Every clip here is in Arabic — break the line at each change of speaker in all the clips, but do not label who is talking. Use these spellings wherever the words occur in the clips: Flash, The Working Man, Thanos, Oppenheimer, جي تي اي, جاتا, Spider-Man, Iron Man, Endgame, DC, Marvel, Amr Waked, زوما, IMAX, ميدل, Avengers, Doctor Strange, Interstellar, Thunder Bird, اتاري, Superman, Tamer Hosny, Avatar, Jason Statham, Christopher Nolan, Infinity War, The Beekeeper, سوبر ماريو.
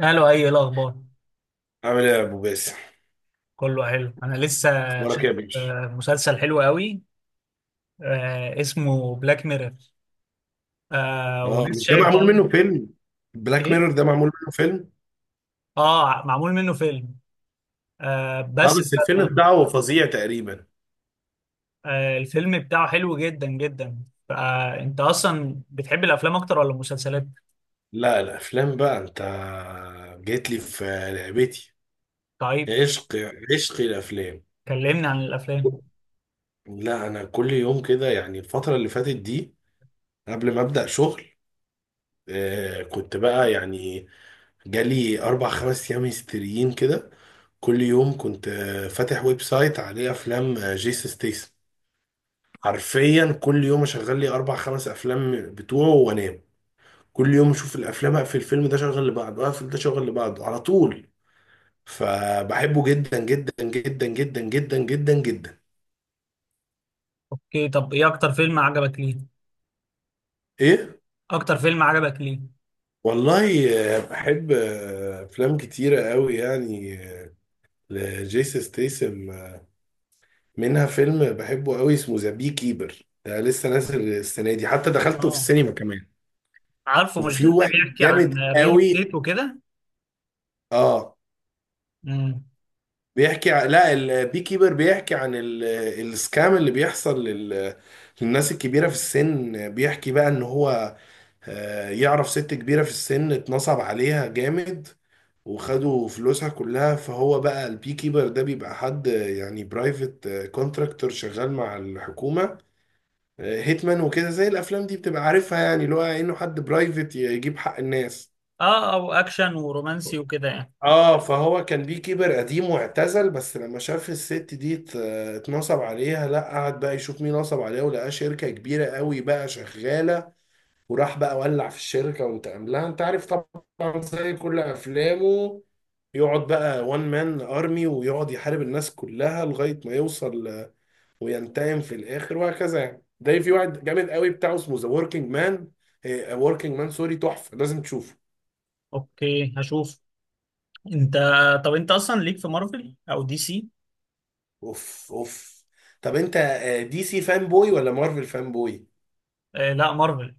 قالوا إيه الاخبار؟
عامل ايه يا ابو باسم.
كله حلو، انا لسه
اخبارك
شايف
إيه يا باشا؟
مسلسل حلو قوي. اسمه بلاك ميرور.
اه،
ولسه
مش ده
شايف
معمول منه فيلم؟ بلاك
ايه.
ميرور ده معمول منه فيلم.
اه، معمول منه فيلم.
اه،
بس
بس الفيلم بتاعه فظيع تقريبا.
الفيلم بتاعه حلو جدا جدا. فانت اصلا بتحب الافلام اكتر ولا المسلسلات؟
لا الافلام بقى، انت جيت لي في لعبتي،
طيب.
عشق، عشق الافلام.
كلمني عن الافلام.
لا انا كل يوم كده يعني الفتره اللي فاتت دي، قبل ما ابدا شغل، كنت بقى يعني جالي اربع خمس ايام هستيريين كده. كل يوم كنت فاتح ويب سايت عليه افلام، جيسون ستيسن. حرفيا كل يوم اشغل لي اربع خمس افلام بتوعه وانام، كل يوم اشوف الافلام، اقفل الفيلم ده شغل لبعضه، اقفل ده شغل لبعضه على طول. فبحبه جدا جدا جدا جدا جدا جدا جدا.
اوكي، طب ايه اكتر فيلم عجبك ليه؟
ايه؟
اكتر فيلم عجبك ليه؟
والله بحب افلام كتيره قوي يعني، لجيسون ستيسم، منها فيلم بحبه قوي اسمه ذا بي كيبر. ده لسه نازل السنه دي، حتى دخلته في
اه،
السينما كمان.
عارفه مش
وفي
ده اللي
واحد
بيحكي عن
جامد
ريل
قوي.
ستيت وكده؟
اه، لا البي كيبر بيحكي عن السكام اللي بيحصل للناس الكبيرة في السن. بيحكي بقى ان هو يعرف ست كبيرة في السن اتنصب عليها جامد، وخدوا فلوسها كلها. فهو بقى البي كيبر ده بيبقى حد، يعني برايفت كونتراكتور شغال مع الحكومة، هيتمان وكده، زي الافلام دي بتبقى عارفها، يعني اللي هو انه حد برايفت يجيب حق الناس.
اه، او اكشن ورومانسي وكده يعني.
اه، فهو كان بيه كيبر قديم واعتزل، بس لما شاف الست دي اتنصب عليها، لا قعد بقى يشوف مين نصب عليها، ولقاه شركة كبيرة قوي بقى شغالة. وراح بقى ولع في الشركة وانتقم لها. انت عارف طبعا زي كل افلامه، يقعد بقى وان مان ارمي، ويقعد يحارب الناس كلها لغاية ما يوصل وينتقم في الاخر وهكذا يعني. ده في واحد جامد قوي بتاعه اسمه ذا وركينج مان. وركينج مان، سوري، تحفة، لازم تشوفه.
اوكي، هشوف. انت طب انت اصلا ليك في مارفل او دي سي؟
اوف اوف. طب انت دي سي فان بوي ولا مارفل فان بوي؟
لا، مارفل.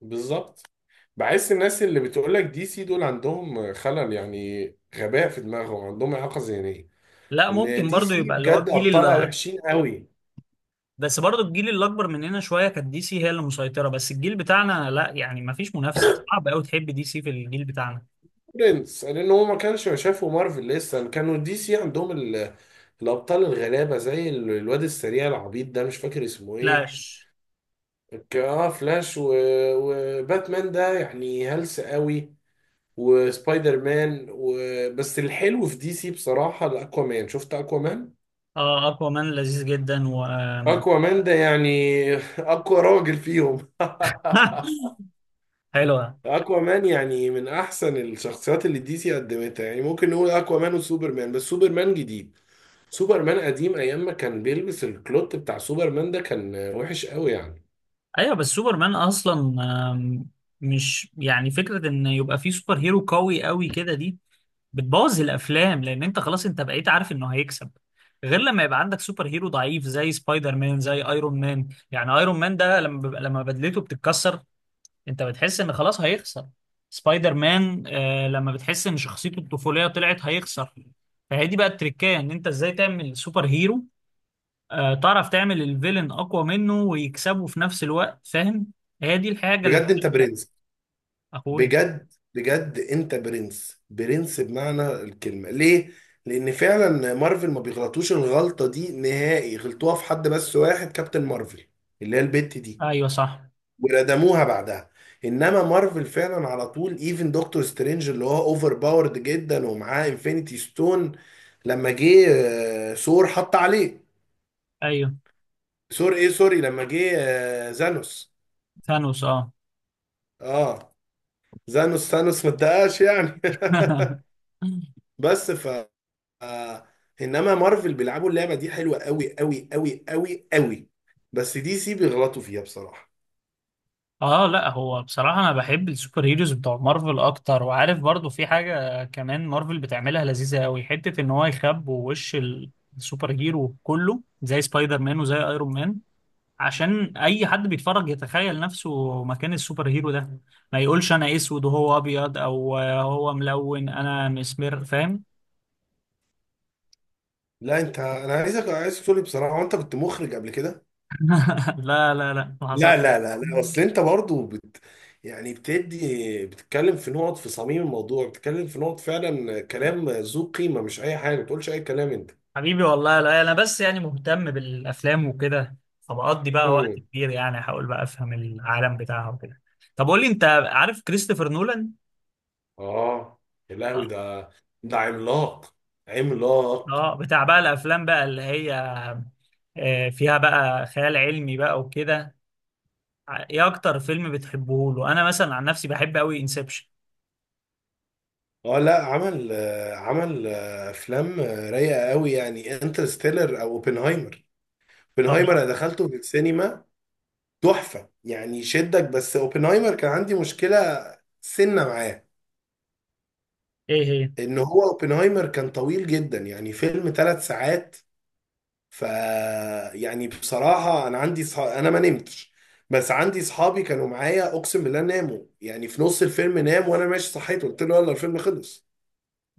بالظبط. بحس الناس اللي بتقولك دي سي دول عندهم خلل يعني، غباء في دماغهم، عندهم إعاقة ذهنية.
لا،
إن
ممكن
دي
برضو
سي
يبقى اللي هو
بجد
الجيل
أبطالها
اللي.
وحشين قوي.
بس برضو الجيل اللي اكبر مننا شويه كانت دي سي هي اللي مسيطره. بس الجيل بتاعنا لا، يعني ما فيش منافسه، صعب قوي تحب دي سي في الجيل بتاعنا.
برنس، لأن هو ما كانش شافوا مارفل، لسه كانوا دي سي عندهم ال... الأبطال الغلابة زي الواد السريع العبيط ده، مش فاكر اسمه إيه.
فلاش.
اه فلاش، و... وباتمان ده يعني هلس قوي، وسبايدر مان، و... بس الحلو في دي سي بصراحة الأكوا مان. شفت أكوا مان؟
اه، اقوى مان لذيذ جدا و.
أكوا مان ده يعني أقوى راجل فيهم
حلوه.
أكوا مان يعني من أحسن الشخصيات اللي دي سي قدمتها، يعني ممكن نقول أكوا مان وسوبر مان. بس سوبر مان جديد، سوبر مان قديم أيام ما كان بيلبس الكلوت بتاع سوبر مان ده كان وحش قوي يعني.
ايوه، بس سوبرمان اصلا آم، مش يعني فكره ان يبقى فيه سوبر هيرو قوي قوي كده دي بتبوظ الافلام، لان انت خلاص انت بقيت عارف انه هيكسب. غير لما يبقى عندك سوبر هيرو ضعيف زي سبايدر مان زي ايرون مان. يعني ايرون مان ده لما لما بدلته بتتكسر، انت بتحس ان خلاص هيخسر. سبايدر مان لما بتحس ان شخصيته الطفوليه طلعت هيخسر. فهي دي بقى التركية، ان انت ازاي تعمل سوبر هيرو تعرف تعمل الفيلن اقوى منه ويكسبه في نفس الوقت، فاهم؟ هي دي الحاجه اللي.
بجد أنت برنس،
اخويا.
بجد بجد انت برنس، برنس بمعنى الكلمة. ليه؟ لان فعلا مارفل ما بيغلطوش الغلطة دي نهائي، غلطوها في حد بس واحد، كابتن مارفل، اللي هي البت دي،
ايوه، صح.
وردموها بعدها. انما مارفل فعلا على طول، ايفن دكتور سترينج اللي هو اوفر باورد جدا ومعاه انفينيتي ستون، لما جه ثور حط عليه.
ايوه،
ثور، ايه سوري، لما جه زانوس.
ثانوس، اه.
اه، زانوس ثانوس ما اتدقاش يعني. بس ف آه، انما مارفل بيلعبوا اللعبه دي حلوه قوي قوي قوي قوي قوي. بس دي سي بيغلطوا فيها بصراحه.
اه، لا هو بصراحة انا بحب السوبر هيروز بتوع مارفل اكتر. وعارف برضو في حاجة كمان مارفل بتعملها لذيذة قوي، حتة ان هو يخبوا وش السوبر هيرو كله زي سبايدر مان وزي ايرون مان، عشان اي حد بيتفرج يتخيل نفسه مكان السوبر هيرو ده، ما يقولش انا اسود وهو ابيض، او هو ملون انا مسمر، فاهم؟
لا انت، انا عايزك عايز تقول لي بصراحه، انت كنت مخرج قبل كده؟
لا، لا، لا، ما حصل.
لا لا لا لا، اصل انت برضو بت... يعني بتدي، بتتكلم في نقط في صميم الموضوع، بتتكلم في نقط فعلا كلام ذو قيمه، مش اي حاجه ما تقولش اي كلام انت.
حبيبي والله، لا انا بس يعني مهتم بالافلام وكده، فبقضي بقى وقت
امم.
كبير، يعني احاول بقى افهم العالم بتاعها وكده. طب قول لي، انت عارف كريستوفر نولان؟
اه، يا لهوي
اه.
ده، ده عملاق، عملاق.
بتاع بقى الافلام بقى اللي هي فيها بقى خيال علمي بقى وكده. ايه اكتر فيلم بتحبه له؟ انا مثلا عن نفسي بحب قوي انسبشن.
اه لا، عمل عمل افلام رايقه قوي يعني، انترستيلر او اوبنهايمر. اوبنهايمر
اه،
انا دخلته في السينما، تحفه يعني، يشدك. بس اوبنهايمر كان عندي مشكله سنه معاه،
ايه هي؟
ان هو اوبنهايمر كان طويل جدا يعني، فيلم ثلاث ساعات. ف يعني بصراحه انا عندي صح... انا ما نمتش، بس عندي صحابي كانوا معايا اقسم بالله ناموا يعني، في نص الفيلم نام، وانا ماشي صحيت قلت له يلا الفيلم خلص.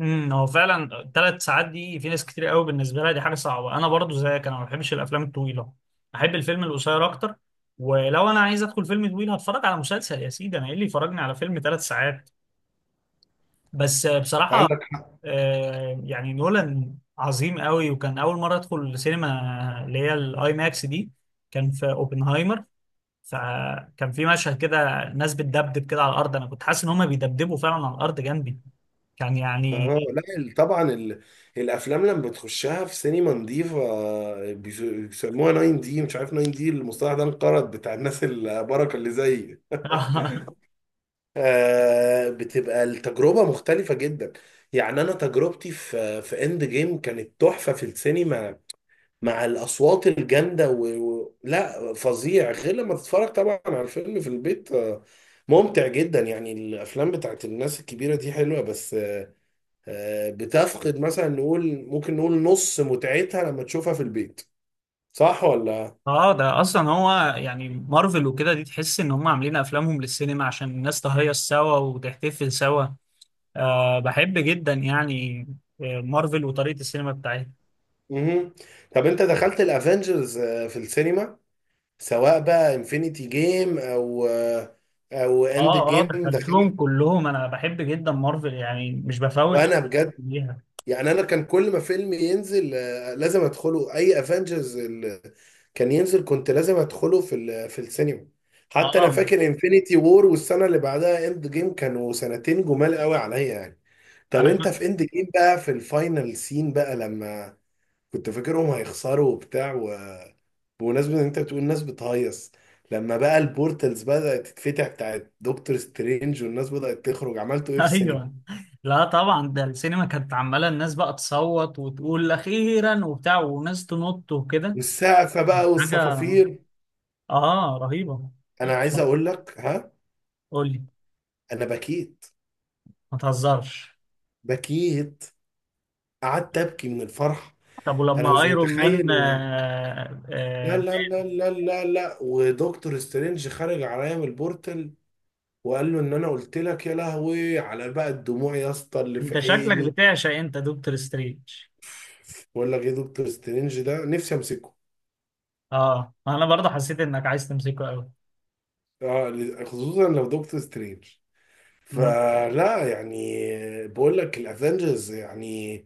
هو فعلا 3 ساعات دي في ناس كتير قوي بالنسبه لها دي حاجه صعبه. انا برضو زيك، انا ما بحبش الافلام الطويله. احب الفيلم القصير اكتر. ولو انا عايز ادخل فيلم طويل هتفرج على مسلسل يا سيدي، انا ايه اللي يفرجني على فيلم 3 ساعات؟ بس بصراحه
عندك.
يعني نولان عظيم قوي. وكان اول مره ادخل السينما اللي هي الاي ماكس دي، كان في اوبنهايمر. فكان في مشهد كده ناس بتدبدب كده على الارض، انا كنت حاسس ان هم بيدبدبوا فعلا على الارض جنبي. كان يعني.
اه لا طبعا ال... الافلام لما بتخشها في سينما نظيفه بيسموها 9 دي، مش عارف 9 دي المصطلح ده انقرض، بتاع الناس البركه اللي زي بتبقى التجربه مختلفه جدا. يعني انا تجربتي في في اند جيم كانت تحفه في السينما، مع الاصوات الجامده و... و... لا فظيع، غير لما تتفرج طبعا على الفيلم في البيت، ممتع جدا يعني، الافلام بتاعت الناس الكبيره دي حلوه، بس بتفقد مثلا، نقول ممكن نقول نص متعتها لما تشوفها في البيت. صح ولا؟
اه، ده اصلا هو يعني مارفل وكده دي تحس ان هم عاملين افلامهم للسينما عشان الناس تهيص سوا وتحتفل سوا. أه، بحب جدا يعني مارفل وطريقة السينما بتاعتها.
امم. طب انت دخلت الافنجرز في السينما؟ سواء بقى انفينيتي جيم او او اند
اه، اه،
جيم، دخلت؟
دخلتهم كلهم. انا بحب جدا مارفل يعني مش بفوت
وانا بجد
ليها.
يعني، انا كان كل ما فيلم ينزل لازم ادخله، اي افنجرز كان ينزل كنت لازم ادخله في في السينما. حتى انا
اه،
فاكر انفينيتي وور والسنه اللي بعدها اند جيم كانوا سنتين جمال قوي عليا يعني. طب
انا
انت
كنت.
في اند جيم بقى في الفاينل سين بقى لما كنت فاكرهم هيخسروا وبتاع و- بمناسبة ان انت بتقول الناس بتهيص، لما بقى البورتلز بدأت تتفتح بتاعت دكتور سترينج والناس بدأت تخرج، عملتوا ايه في السينما؟
ايوه. لا طبعا، ده السينما كانت عماله الناس بقى تصوت وتقول اخيرا وبتاع، وناس تنط وكده.
والسقفة بقى
حاجه
والصفافير.
اه رهيبه.
انا عايز اقول لك، ها،
قول لي.
انا بكيت،
ما تهزرش.
بكيت، قعدت ابكي من الفرح.
طب
انا
ولما
مش
ايرون
متخيل
مان
إن- لا لا لا لا لا لا، ودكتور سترينج خارج عليا من البورتل، وقال له ان انا قلت لك، يا لهوي على بقى الدموع يا اسطى اللي في
انت شكلك
عيني.
بتعشق، انت، دكتور سترينج.
ولا غير دكتور سترينج، ده نفسي امسكه.
اه، انا برضه حسيت انك عايز تمسكه قوي.
اه خصوصا لو دكتور سترينج.
مم.
فلا يعني، بقول لك الافنجرز يعني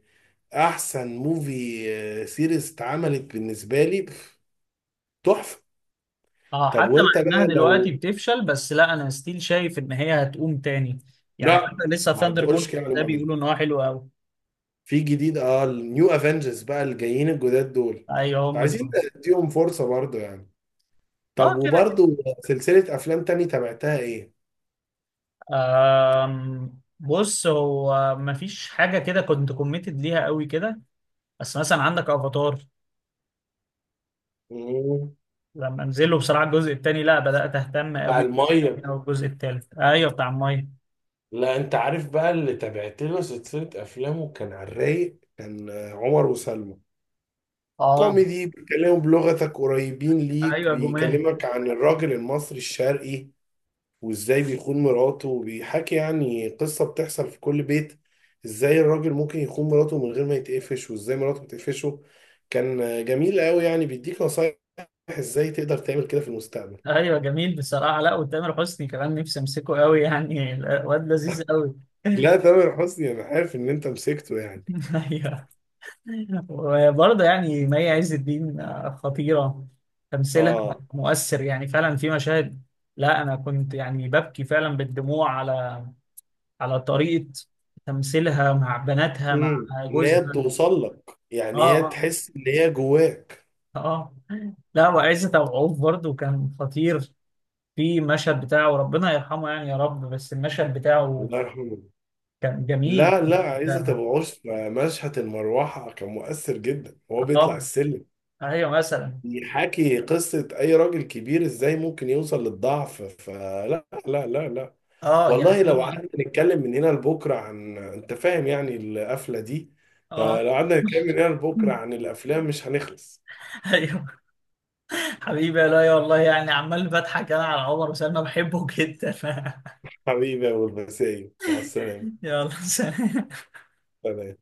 احسن موفي سيريز اتعملت بالنسبه لي بف- تحفه.
اه،
طب
حتى مع
وانت
انها
بقى
دلوقتي
لو.
بتفشل، بس لا انا ستيل شايف ان هي هتقوم تاني. يعني
لا
حتى لسه
ما
ثاندر
تقولش
بورد
كده عليهم،
ده
بعدين
بيقولوا ان هو حلو قوي.
في جديد، اه النيو افنجرز بقى الجايين الجداد دول،
ايوه، هم
عايزين
دول.
نديهم فرصه برضه يعني. طب
اه، كده كده.
وبرضه سلسلة أفلام تاني تابعتها إيه؟
بص هو مفيش حاجه كده كنت كوميتد ليها قوي كده. بس مثلا عندك افاتار،
مم.
لما انزله بصراحه الجزء الثاني، لا بدات اهتم
بتاع
قوي.
المية.
الجزء الثالث ايوه، بتاع الميه.
لا أنت عارف بقى اللي تابعت له سلسلة أفلامه كان على الرايق، كان عمر وسلمى.
اه،
كوميدي، بيتكلموا بلغتك، قريبين ليك،
ايوه، جمال.
بيكلمك عن الراجل المصري الشرقي وإزاي بيخون مراته، وبيحكي يعني قصة بتحصل في كل بيت، إزاي الراجل ممكن يخون مراته من غير ما يتقفش، وإزاي مراته بتقفشه. كان جميل قوي يعني، بيديك نصايح إزاي تقدر تعمل كده في المستقبل.
ايوه، جميل بصراحه. لا وتامر حسني كمان نفسي امسكه قوي يعني الواد لذيذ قوي.
لا تامر حسني انا عارف ان انت مسكته يعني.
ايوه. وبرضه يعني مي عز الدين خطيره تمثيلها
اه.
مؤثر، يعني فعلا في مشاهد. لا انا كنت يعني ببكي فعلا بالدموع على طريقه تمثيلها مع بناتها مع
امم، ان هي
جوزها.
بتوصل لك يعني، هي
اه. اه. آه.
تحس ان هي جواك.
اه. لا، وعزت أبو عوف برضه كان خطير. في مشهد بتاعه ربنا يرحمه، يعني يا رب، بس المشهد بتاعه
الله يرحمه.
كان جميل
لا لا، عايزه
جدا.
تبقى عرف، مشهد المروحه كان مؤثر جدا، وهو بيطلع
اه،
السلم
ايوه، مثلا.
يحكي قصه اي راجل كبير ازاي ممكن يوصل للضعف، فلا لا لا لا.
اه،
والله
يعني
لو
هو.
قعدنا نتكلم من هنا لبكره عن، انت فاهم يعني القفله دي،
اه.
لو قعدنا نتكلم من هنا لبكره عن الافلام مش هنخلص.
ايوه. حبيبي يا لؤي، والله يعني عمال بضحك انا على عمر وسلمى، بحبه جدا.
حبيبي يا ابو المسائي، مع السلامه.
يلا سلام.
سلام.